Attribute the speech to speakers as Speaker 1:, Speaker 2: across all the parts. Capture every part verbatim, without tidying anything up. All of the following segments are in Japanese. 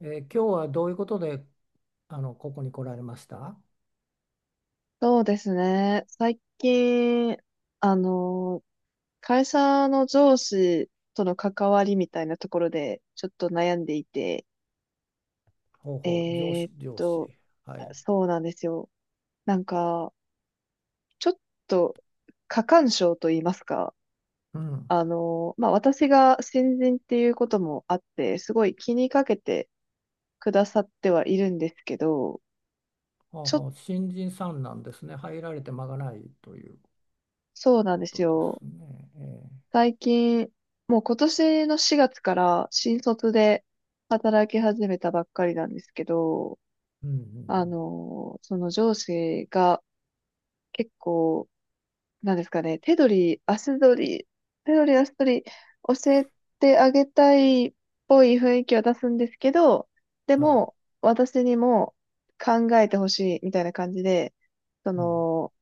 Speaker 1: えー今日はどういうことで、あの、ここに来られました。
Speaker 2: そうですね。最近、あの、会社の上司との関わりみたいなところで、ちょっと悩んでいて、
Speaker 1: ほう
Speaker 2: え
Speaker 1: ほう、上
Speaker 2: ー
Speaker 1: 司、
Speaker 2: っ
Speaker 1: 上
Speaker 2: と、
Speaker 1: 司。はい。
Speaker 2: そうなんですよ。なんか、ちょっと、過干渉と言いますか、
Speaker 1: うん。
Speaker 2: あの、まあ、私が新人っていうこともあって、すごい気にかけてくださってはいるんですけど、
Speaker 1: ほう
Speaker 2: ちょっと、
Speaker 1: ほう、新人さんなんですね。入られて間がないという
Speaker 2: そうなん
Speaker 1: こ
Speaker 2: です
Speaker 1: とです
Speaker 2: よ。
Speaker 1: ね。え
Speaker 2: 最近、もう今年のしがつから新卒で働き始めたばっかりなんですけど、
Speaker 1: ーうんう
Speaker 2: あ
Speaker 1: ん
Speaker 2: の、その上司が結構、なんですかね、手取り、足取り、手取り足取り教えてあげたいっぽい雰囲気は出すんですけど、で
Speaker 1: うん。はい。
Speaker 2: も、私にも考えてほしいみたいな感じで、そ
Speaker 1: うん。
Speaker 2: の、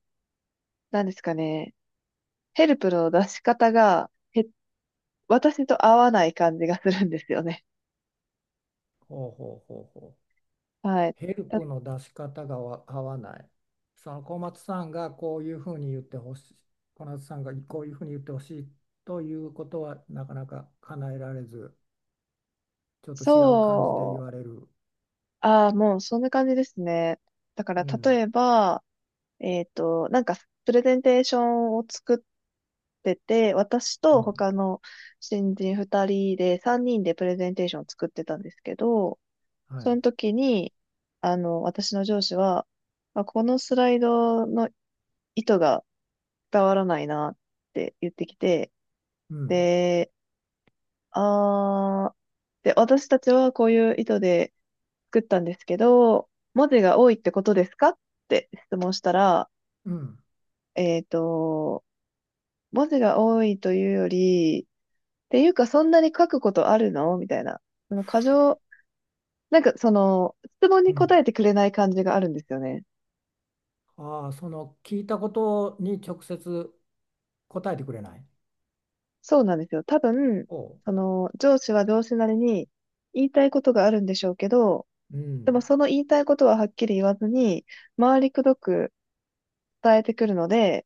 Speaker 2: なんですかね、ヘルプの出し方が、へ私と合わない感じがするんですよね。
Speaker 1: ほうほうほうほう。
Speaker 2: はい。
Speaker 1: ヘル
Speaker 2: だ
Speaker 1: プの出し方がわ合わない。その小松さんがこういうふうに言ってほしい。小松さんがこういうふうに言ってほしいということはなかなか叶えられず、ちょっと違う感じで言
Speaker 2: そう、
Speaker 1: われる。
Speaker 2: ああ、もうそんな感じですね。だから、
Speaker 1: うん。
Speaker 2: 例えば、えっと、なんか、プレゼンテーションを作ってて、私
Speaker 1: う
Speaker 2: と
Speaker 1: ん。
Speaker 2: 他の新人ふたりで、さんにんでプレゼンテーションを作ってたんですけど、
Speaker 1: は
Speaker 2: そ
Speaker 1: い。
Speaker 2: の時に、あの、私の上司は、あ、このスライドの意図が伝わらないなって言ってきて、
Speaker 1: うん。
Speaker 2: で、あー、で、私たちはこういう意図で、作ったんですけど、文字が多いってことですかって質問したら、
Speaker 1: うん。
Speaker 2: えっと、文字が多いというより、っていうかそんなに書くことあるのみたいな。その過剰、なんかその、質問
Speaker 1: う
Speaker 2: に答
Speaker 1: ん。
Speaker 2: えてくれない感じがあるんですよね。
Speaker 1: ああ、その聞いたことに直接答えてくれない。
Speaker 2: そうなんですよ。多分、
Speaker 1: お、う。
Speaker 2: その、上司は上司なりに言いたいことがあるんでしょうけど、
Speaker 1: うん。
Speaker 2: でもその言いたいことははっきり言わずに、回りくどく伝えてくるので、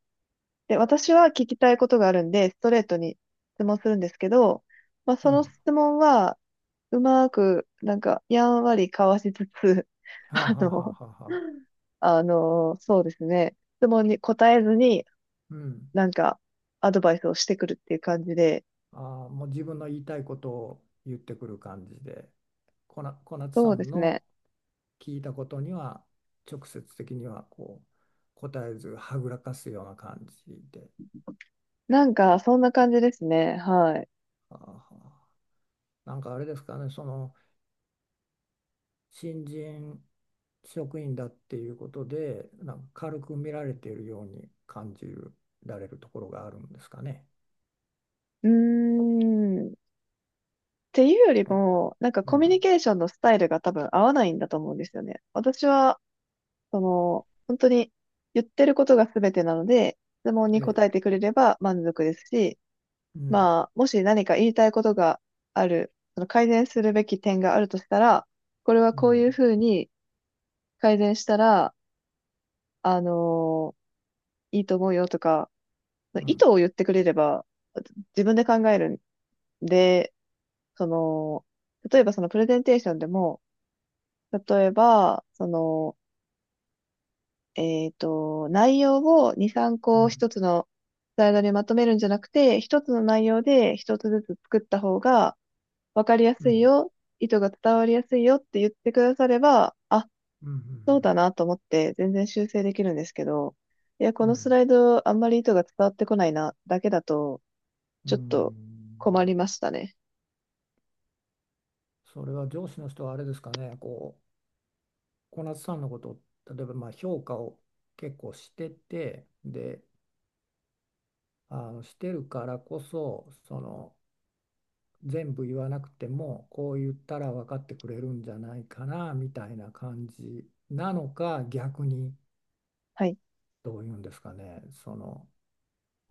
Speaker 2: で、私は聞きたいことがあるんで、ストレートに質問するんですけど、まあ、
Speaker 1: う
Speaker 2: その
Speaker 1: ん。
Speaker 2: 質問は、うまく、なんか、やんわりかわしつつ、
Speaker 1: はあ、
Speaker 2: あ
Speaker 1: はあは
Speaker 2: の、
Speaker 1: あはあはあ。
Speaker 2: あの、そうですね、質問に答えずに、
Speaker 1: うん。
Speaker 2: なんか、アドバイスをしてくるっていう感じで、
Speaker 1: ああ、もう自分の言いたいことを言ってくる感じで、こな、小夏
Speaker 2: そ
Speaker 1: さ
Speaker 2: うで
Speaker 1: ん
Speaker 2: すね。
Speaker 1: の聞いたことには直接的にはこう答えずはぐらかすような感じで。
Speaker 2: なんか、そんな感じですね。はい。
Speaker 1: はあはあ、なんかあれですかね、その新人職員だっていうことで、なんか軽く見られているように感じられるところがあるんですかね。
Speaker 2: うーん。っていうより
Speaker 1: そん
Speaker 2: も、なんか
Speaker 1: う
Speaker 2: コミュニ
Speaker 1: ん、
Speaker 2: ケーションのスタイルが多分合わないんだと思うんですよね。私はその、本当に言ってることが全てなので、質問に
Speaker 1: ええ、
Speaker 2: 答えてくれれば満足ですし、
Speaker 1: うん、
Speaker 2: まあ、もし何か言いたいことがある、その改善するべき点があるとしたら、これは
Speaker 1: う
Speaker 2: こう
Speaker 1: ん、
Speaker 2: いうふうに改善したら、あのいいと思うよとか、
Speaker 1: う
Speaker 2: 意
Speaker 1: ん、
Speaker 2: 図を言ってくれれば、自分で考えるんで、その、例えばそのプレゼンテーションでも、例えば、その、えっと、内容をに、3
Speaker 1: う
Speaker 2: 個
Speaker 1: ん、
Speaker 2: 一つのスライドにまとめるんじゃなくて、一つの内容で一つずつ作った方が分かりや
Speaker 1: う
Speaker 2: すい
Speaker 1: ん、
Speaker 2: よ、意図が伝わりやすいよって言ってくだされば、あ、
Speaker 1: うん、う
Speaker 2: そうだ
Speaker 1: ん、
Speaker 2: なと思って全然修正できるんですけど、いや、
Speaker 1: う
Speaker 2: こ
Speaker 1: ん、う
Speaker 2: のス
Speaker 1: ん
Speaker 2: ライドあんまり意図が伝わってこないな、だけだと、
Speaker 1: う
Speaker 2: ちょっと
Speaker 1: ん。
Speaker 2: 困りましたね。
Speaker 1: それは上司の人はあれですかね、こう、小夏さんのことを、例えばまあ評価を結構してて、で、あのしてるからこそ、その、全部言わなくてもこう言ったら分かってくれるんじゃないかなみたいな感じなのか、逆に
Speaker 2: はい。
Speaker 1: どういうんですかね、その、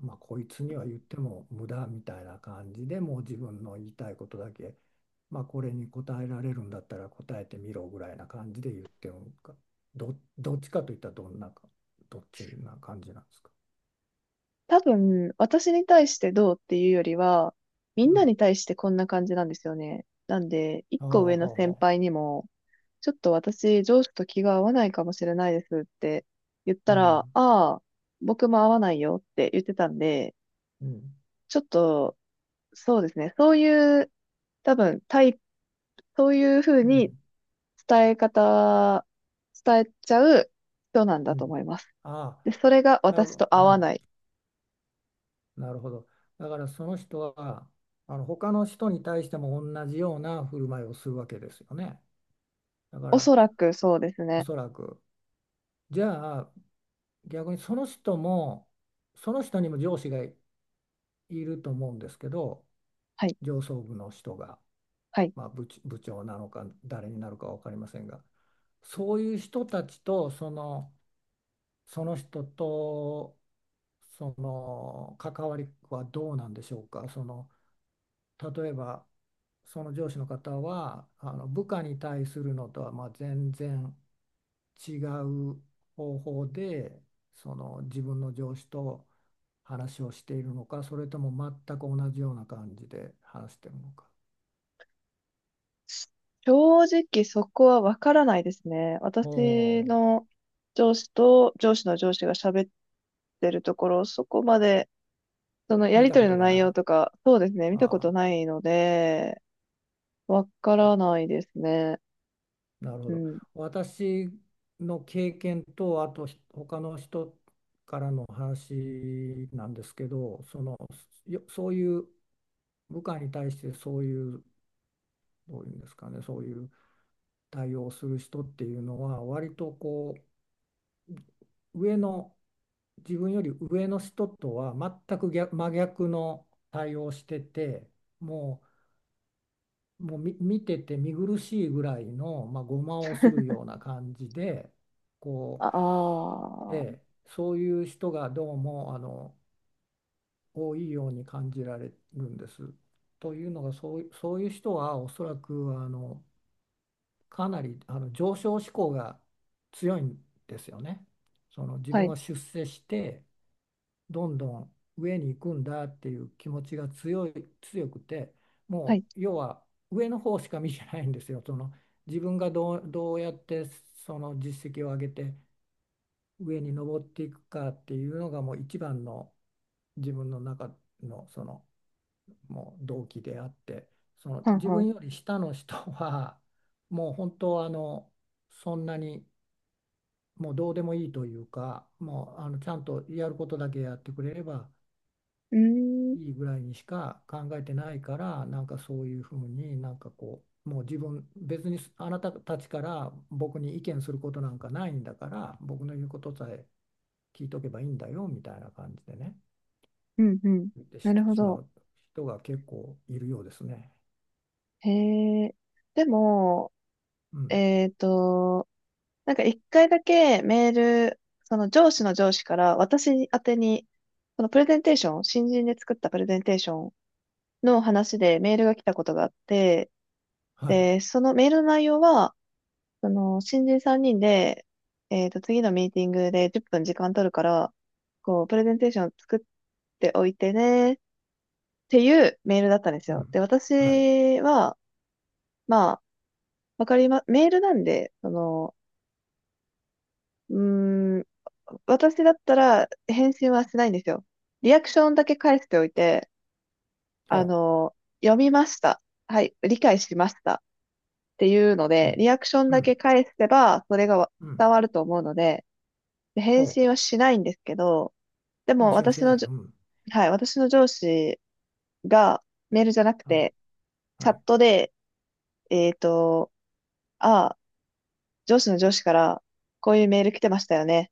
Speaker 1: まあ、こいつには言っても無駄みたいな感じでもう自分の言いたいことだけ、まあ、これに答えられるんだったら答えてみろぐらいな感じで言ってるのか、ど、どっちかといったらどんなかどっちな感じなんですか？
Speaker 2: 多分、私に対してどうっていうよりは、みん
Speaker 1: う
Speaker 2: な
Speaker 1: ん、
Speaker 2: に対してこんな感じなんですよね。なんで、一
Speaker 1: ああ、
Speaker 2: 個上
Speaker 1: は
Speaker 2: の
Speaker 1: あは
Speaker 2: 先
Speaker 1: あ、
Speaker 2: 輩にも、ちょっと私、上司と気が合わないかもしれないですって言っ
Speaker 1: う
Speaker 2: たら、あ
Speaker 1: ん、
Speaker 2: あ、僕も合わないよって言ってたんで、
Speaker 1: うん、
Speaker 2: ちょっと、そうですね、そういう、多分、タイプ、そういうふう
Speaker 1: う
Speaker 2: に
Speaker 1: ん、
Speaker 2: 伝え方、伝えちゃう人なん
Speaker 1: う
Speaker 2: だと思
Speaker 1: ん。
Speaker 2: います。
Speaker 1: ああ、
Speaker 2: で、それが
Speaker 1: 多
Speaker 2: 私
Speaker 1: 分、
Speaker 2: と合
Speaker 1: う
Speaker 2: わな
Speaker 1: ん、
Speaker 2: い。
Speaker 1: なるほど。だからその人はあの他の人に対しても同じような振る舞いをするわけですよね。だか
Speaker 2: おそ
Speaker 1: ら、
Speaker 2: らくそうです
Speaker 1: お
Speaker 2: ね。
Speaker 1: そらくじゃあ逆にその人もその人にも上司がいると思うんですけど、
Speaker 2: はい、
Speaker 1: 上層部の人が、
Speaker 2: はい。
Speaker 1: まあ、部長、部長なのか誰になるか分かりませんが、そういう人たちとその、その人とその関わりはどうなんでしょうか。その、例えばその上司の方はあの部下に対するのとはまあ全然違う方法でその自分の上司と話をしているのか、それとも全く同じような感じで話しているのか。
Speaker 2: 正直そこはわからないですね。
Speaker 1: お
Speaker 2: 私
Speaker 1: お、
Speaker 2: の上司と上司の上司が喋ってるところ、そこまで、そのや
Speaker 1: 見
Speaker 2: り
Speaker 1: た
Speaker 2: と
Speaker 1: こ
Speaker 2: り
Speaker 1: と
Speaker 2: の
Speaker 1: が
Speaker 2: 内
Speaker 1: な
Speaker 2: 容
Speaker 1: い。
Speaker 2: とか、そうですね、見たこと
Speaker 1: ああ、
Speaker 2: ないので、わか
Speaker 1: お
Speaker 2: らないですね。
Speaker 1: なるほ
Speaker 2: う
Speaker 1: ど。
Speaker 2: ん。
Speaker 1: 私の経験とあとひ他の人の話なんですけど、その、よそういう部下に対してそういうどういうんですかね、そういう対応する人っていうのは割とこう上の、自分より上の人とは全く逆真逆の対応してて、もう、もうみ見てて見苦しいぐらいの、まあ、ごまをするような感じでこ
Speaker 2: ああ
Speaker 1: う、え
Speaker 2: ー、
Speaker 1: え、そういう人がどうもあの多いように感じられるんです。というのがそうい、そういう人はおそらくあのかなりあの上昇志向が強いんですよね。その自
Speaker 2: は
Speaker 1: 分
Speaker 2: い、
Speaker 1: は出世してどんどん上に行くんだっていう気持ちが強い、強くて、
Speaker 2: は
Speaker 1: も
Speaker 2: い、
Speaker 1: う要は上の方しか見てないんですよ。その自分がどう、どうやってその実績を上げて上に上っていくかっていうのがもう一番の自分の中のその、もう動機であって、その
Speaker 2: はん
Speaker 1: 自
Speaker 2: はん。う
Speaker 1: 分より下の人はもう本当はあのそんなにもうどうでもいいというか、もうあのちゃんとやることだけやってくれれば
Speaker 2: ーん、
Speaker 1: いいぐらいにしか考えてないから、なんかそういうふうになんかこう、もう自分、別にあなたたちから僕に意見することなんかないんだから、僕の言うことさえ聞いとけばいいんだよみたいな感じでね、
Speaker 2: うん、うん。
Speaker 1: 言って
Speaker 2: なるほ
Speaker 1: しま
Speaker 2: ど。
Speaker 1: う人が結構いるようですね。
Speaker 2: へえ。でも、
Speaker 1: うん。
Speaker 2: えっと、なんか一回だけメール、その上司の上司から私宛てに、そのプレゼンテーション、新人で作ったプレゼンテーションの話でメールが来たことがあって、
Speaker 1: はい。
Speaker 2: で、そのメールの内容は、その、新人さんにんで、えっと、次のミーティングでじゅっぷん時間取るから、こう、プレゼンテーションを作っておいてね、っていうメールだったんです
Speaker 1: う
Speaker 2: よ。で、
Speaker 1: ん。はい。
Speaker 2: 私は、まあ、わかりま、メールなんで、その、うーん、私だったら返信はしないんですよ。リアクションだけ返しておいて、
Speaker 1: ほ
Speaker 2: あの、読みました。はい、理解しました。っていうの
Speaker 1: う。う
Speaker 2: で、
Speaker 1: ん。
Speaker 2: リアクション
Speaker 1: う
Speaker 2: だ
Speaker 1: ん。
Speaker 2: け返せば、それが
Speaker 1: うん。
Speaker 2: 伝わると思うので、で返
Speaker 1: ほ
Speaker 2: 信はしないんですけど、で
Speaker 1: う。
Speaker 2: も
Speaker 1: 返信を
Speaker 2: 私
Speaker 1: しな
Speaker 2: の
Speaker 1: い。
Speaker 2: じょ、
Speaker 1: うん。
Speaker 2: はい、私の上司がメールじゃなく
Speaker 1: はい。
Speaker 2: て、チ
Speaker 1: は
Speaker 2: ャッ
Speaker 1: い。
Speaker 2: トで、えっと、ああ、上司の上司からこういうメール来てましたよね。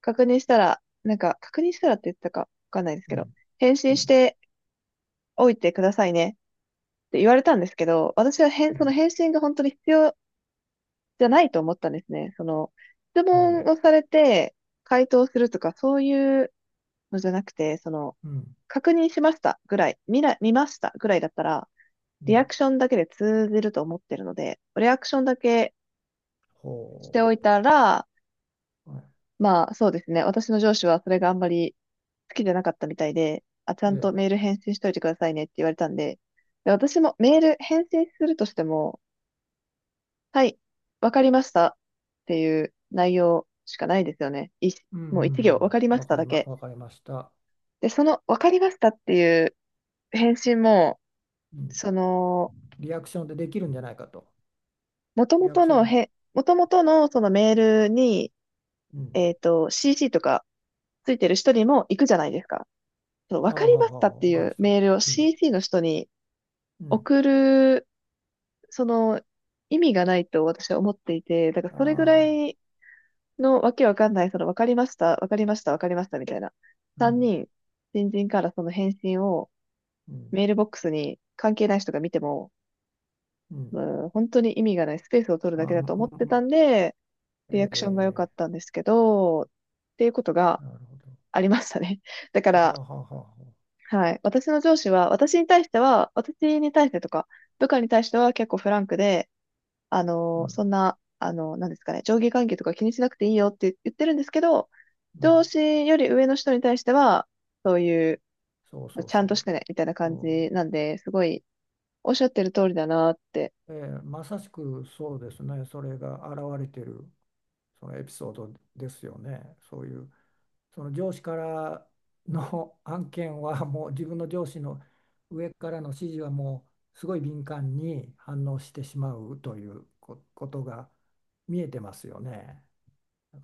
Speaker 2: 確認したら、なんか、確認したらって言ってたかわかんないです
Speaker 1: う
Speaker 2: けど、
Speaker 1: ん。
Speaker 2: 返
Speaker 1: う
Speaker 2: 信し
Speaker 1: ん、
Speaker 2: ておいてくださいねって言われたんですけど、私は返、
Speaker 1: う
Speaker 2: その
Speaker 1: ん、
Speaker 2: 返信が本当に必要じゃないと思ったんですね。その、質
Speaker 1: う
Speaker 2: 問
Speaker 1: ん、
Speaker 2: をされて回答するとか、そういうのじゃなくて、その、
Speaker 1: うん、
Speaker 2: 確認しましたぐらい、見な、見ましたぐらいだったら、
Speaker 1: う
Speaker 2: リア
Speaker 1: ん。
Speaker 2: クションだけで通じると思ってるので、リアクションだけ
Speaker 1: ほ
Speaker 2: しておいたら、
Speaker 1: う。はい。
Speaker 2: まあそうですね。私の上司はそれがあんまり好きじゃなかったみたいで、あ、ちゃ
Speaker 1: え
Speaker 2: んと
Speaker 1: え、
Speaker 2: メール返信しといてくださいねって言われたんで、で私もメール返信するとしても、はい、わかりましたっていう内容しかないですよね。い、
Speaker 1: うん、うん、
Speaker 2: もう一行、わかり
Speaker 1: う
Speaker 2: ま
Speaker 1: ん。
Speaker 2: し
Speaker 1: わ
Speaker 2: た
Speaker 1: かり
Speaker 2: だ
Speaker 1: ま、
Speaker 2: け。
Speaker 1: わかりました。
Speaker 2: で、そのわかりましたっていう返信も、
Speaker 1: うん。
Speaker 2: その、
Speaker 1: リアクションでできるんじゃないかと。
Speaker 2: 元
Speaker 1: リアク
Speaker 2: 々
Speaker 1: ショ
Speaker 2: の
Speaker 1: ン。
Speaker 2: へ、元々のそのメールに、
Speaker 1: うん。
Speaker 2: えっと、シーシー とかついてる人にも行くじゃないですか。その、
Speaker 1: あ
Speaker 2: わ
Speaker 1: あ、
Speaker 2: かり
Speaker 1: はあ、
Speaker 2: まし
Speaker 1: はあ、
Speaker 2: たっ
Speaker 1: はあ、
Speaker 2: てい
Speaker 1: 他の
Speaker 2: う
Speaker 1: 人に。
Speaker 2: メールを
Speaker 1: うん、
Speaker 2: シーシー の人に
Speaker 1: うん。
Speaker 2: 送る、その、意味がないと私は思っていて、だから
Speaker 1: あ
Speaker 2: それぐら
Speaker 1: あ、
Speaker 2: いのわけわかんない、その、わかりました、わかりました、わかりましたみたいな。
Speaker 1: う
Speaker 2: 3
Speaker 1: ん、
Speaker 2: 人、新人からその返信を
Speaker 1: うん、
Speaker 2: メールボックスに関係ない人が見ても、
Speaker 1: うん。
Speaker 2: うん、本当に意味がないスペースを取る
Speaker 1: あ
Speaker 2: だ
Speaker 1: あ、
Speaker 2: け
Speaker 1: う
Speaker 2: だ
Speaker 1: ん、
Speaker 2: と思っ
Speaker 1: う
Speaker 2: てた
Speaker 1: ん、
Speaker 2: んで、リアクションが良かっ
Speaker 1: ええ、
Speaker 2: たんですけど、っていうことが
Speaker 1: なるほど。
Speaker 2: ありましたね。だか
Speaker 1: ああ、
Speaker 2: ら、
Speaker 1: はあ、はあ、はあ、
Speaker 2: はい。私の上司は、私に対しては、私に対してとか、部下に対しては結構フランクで、あ
Speaker 1: う
Speaker 2: のーそ
Speaker 1: ん、
Speaker 2: んな、あのーなんですかね、上下関係とか気にしなくていいよって言ってるんですけど、
Speaker 1: う
Speaker 2: 上
Speaker 1: ん。
Speaker 2: 司より上の人に対しては、そういう、
Speaker 1: そうそう
Speaker 2: ちゃ
Speaker 1: そ
Speaker 2: んとし
Speaker 1: う。
Speaker 2: てね、みたいな感
Speaker 1: そ
Speaker 2: じなんで、すごい、おっしゃってる通りだなって。
Speaker 1: う、ええ、まさしくそうですね。それが現れてる。そのエピソードですよね。そういう、その上司からの 案件はもう自分の上司の上からの指示はもうすごい敏感に反応してしまうというこことが見えてますよね。だか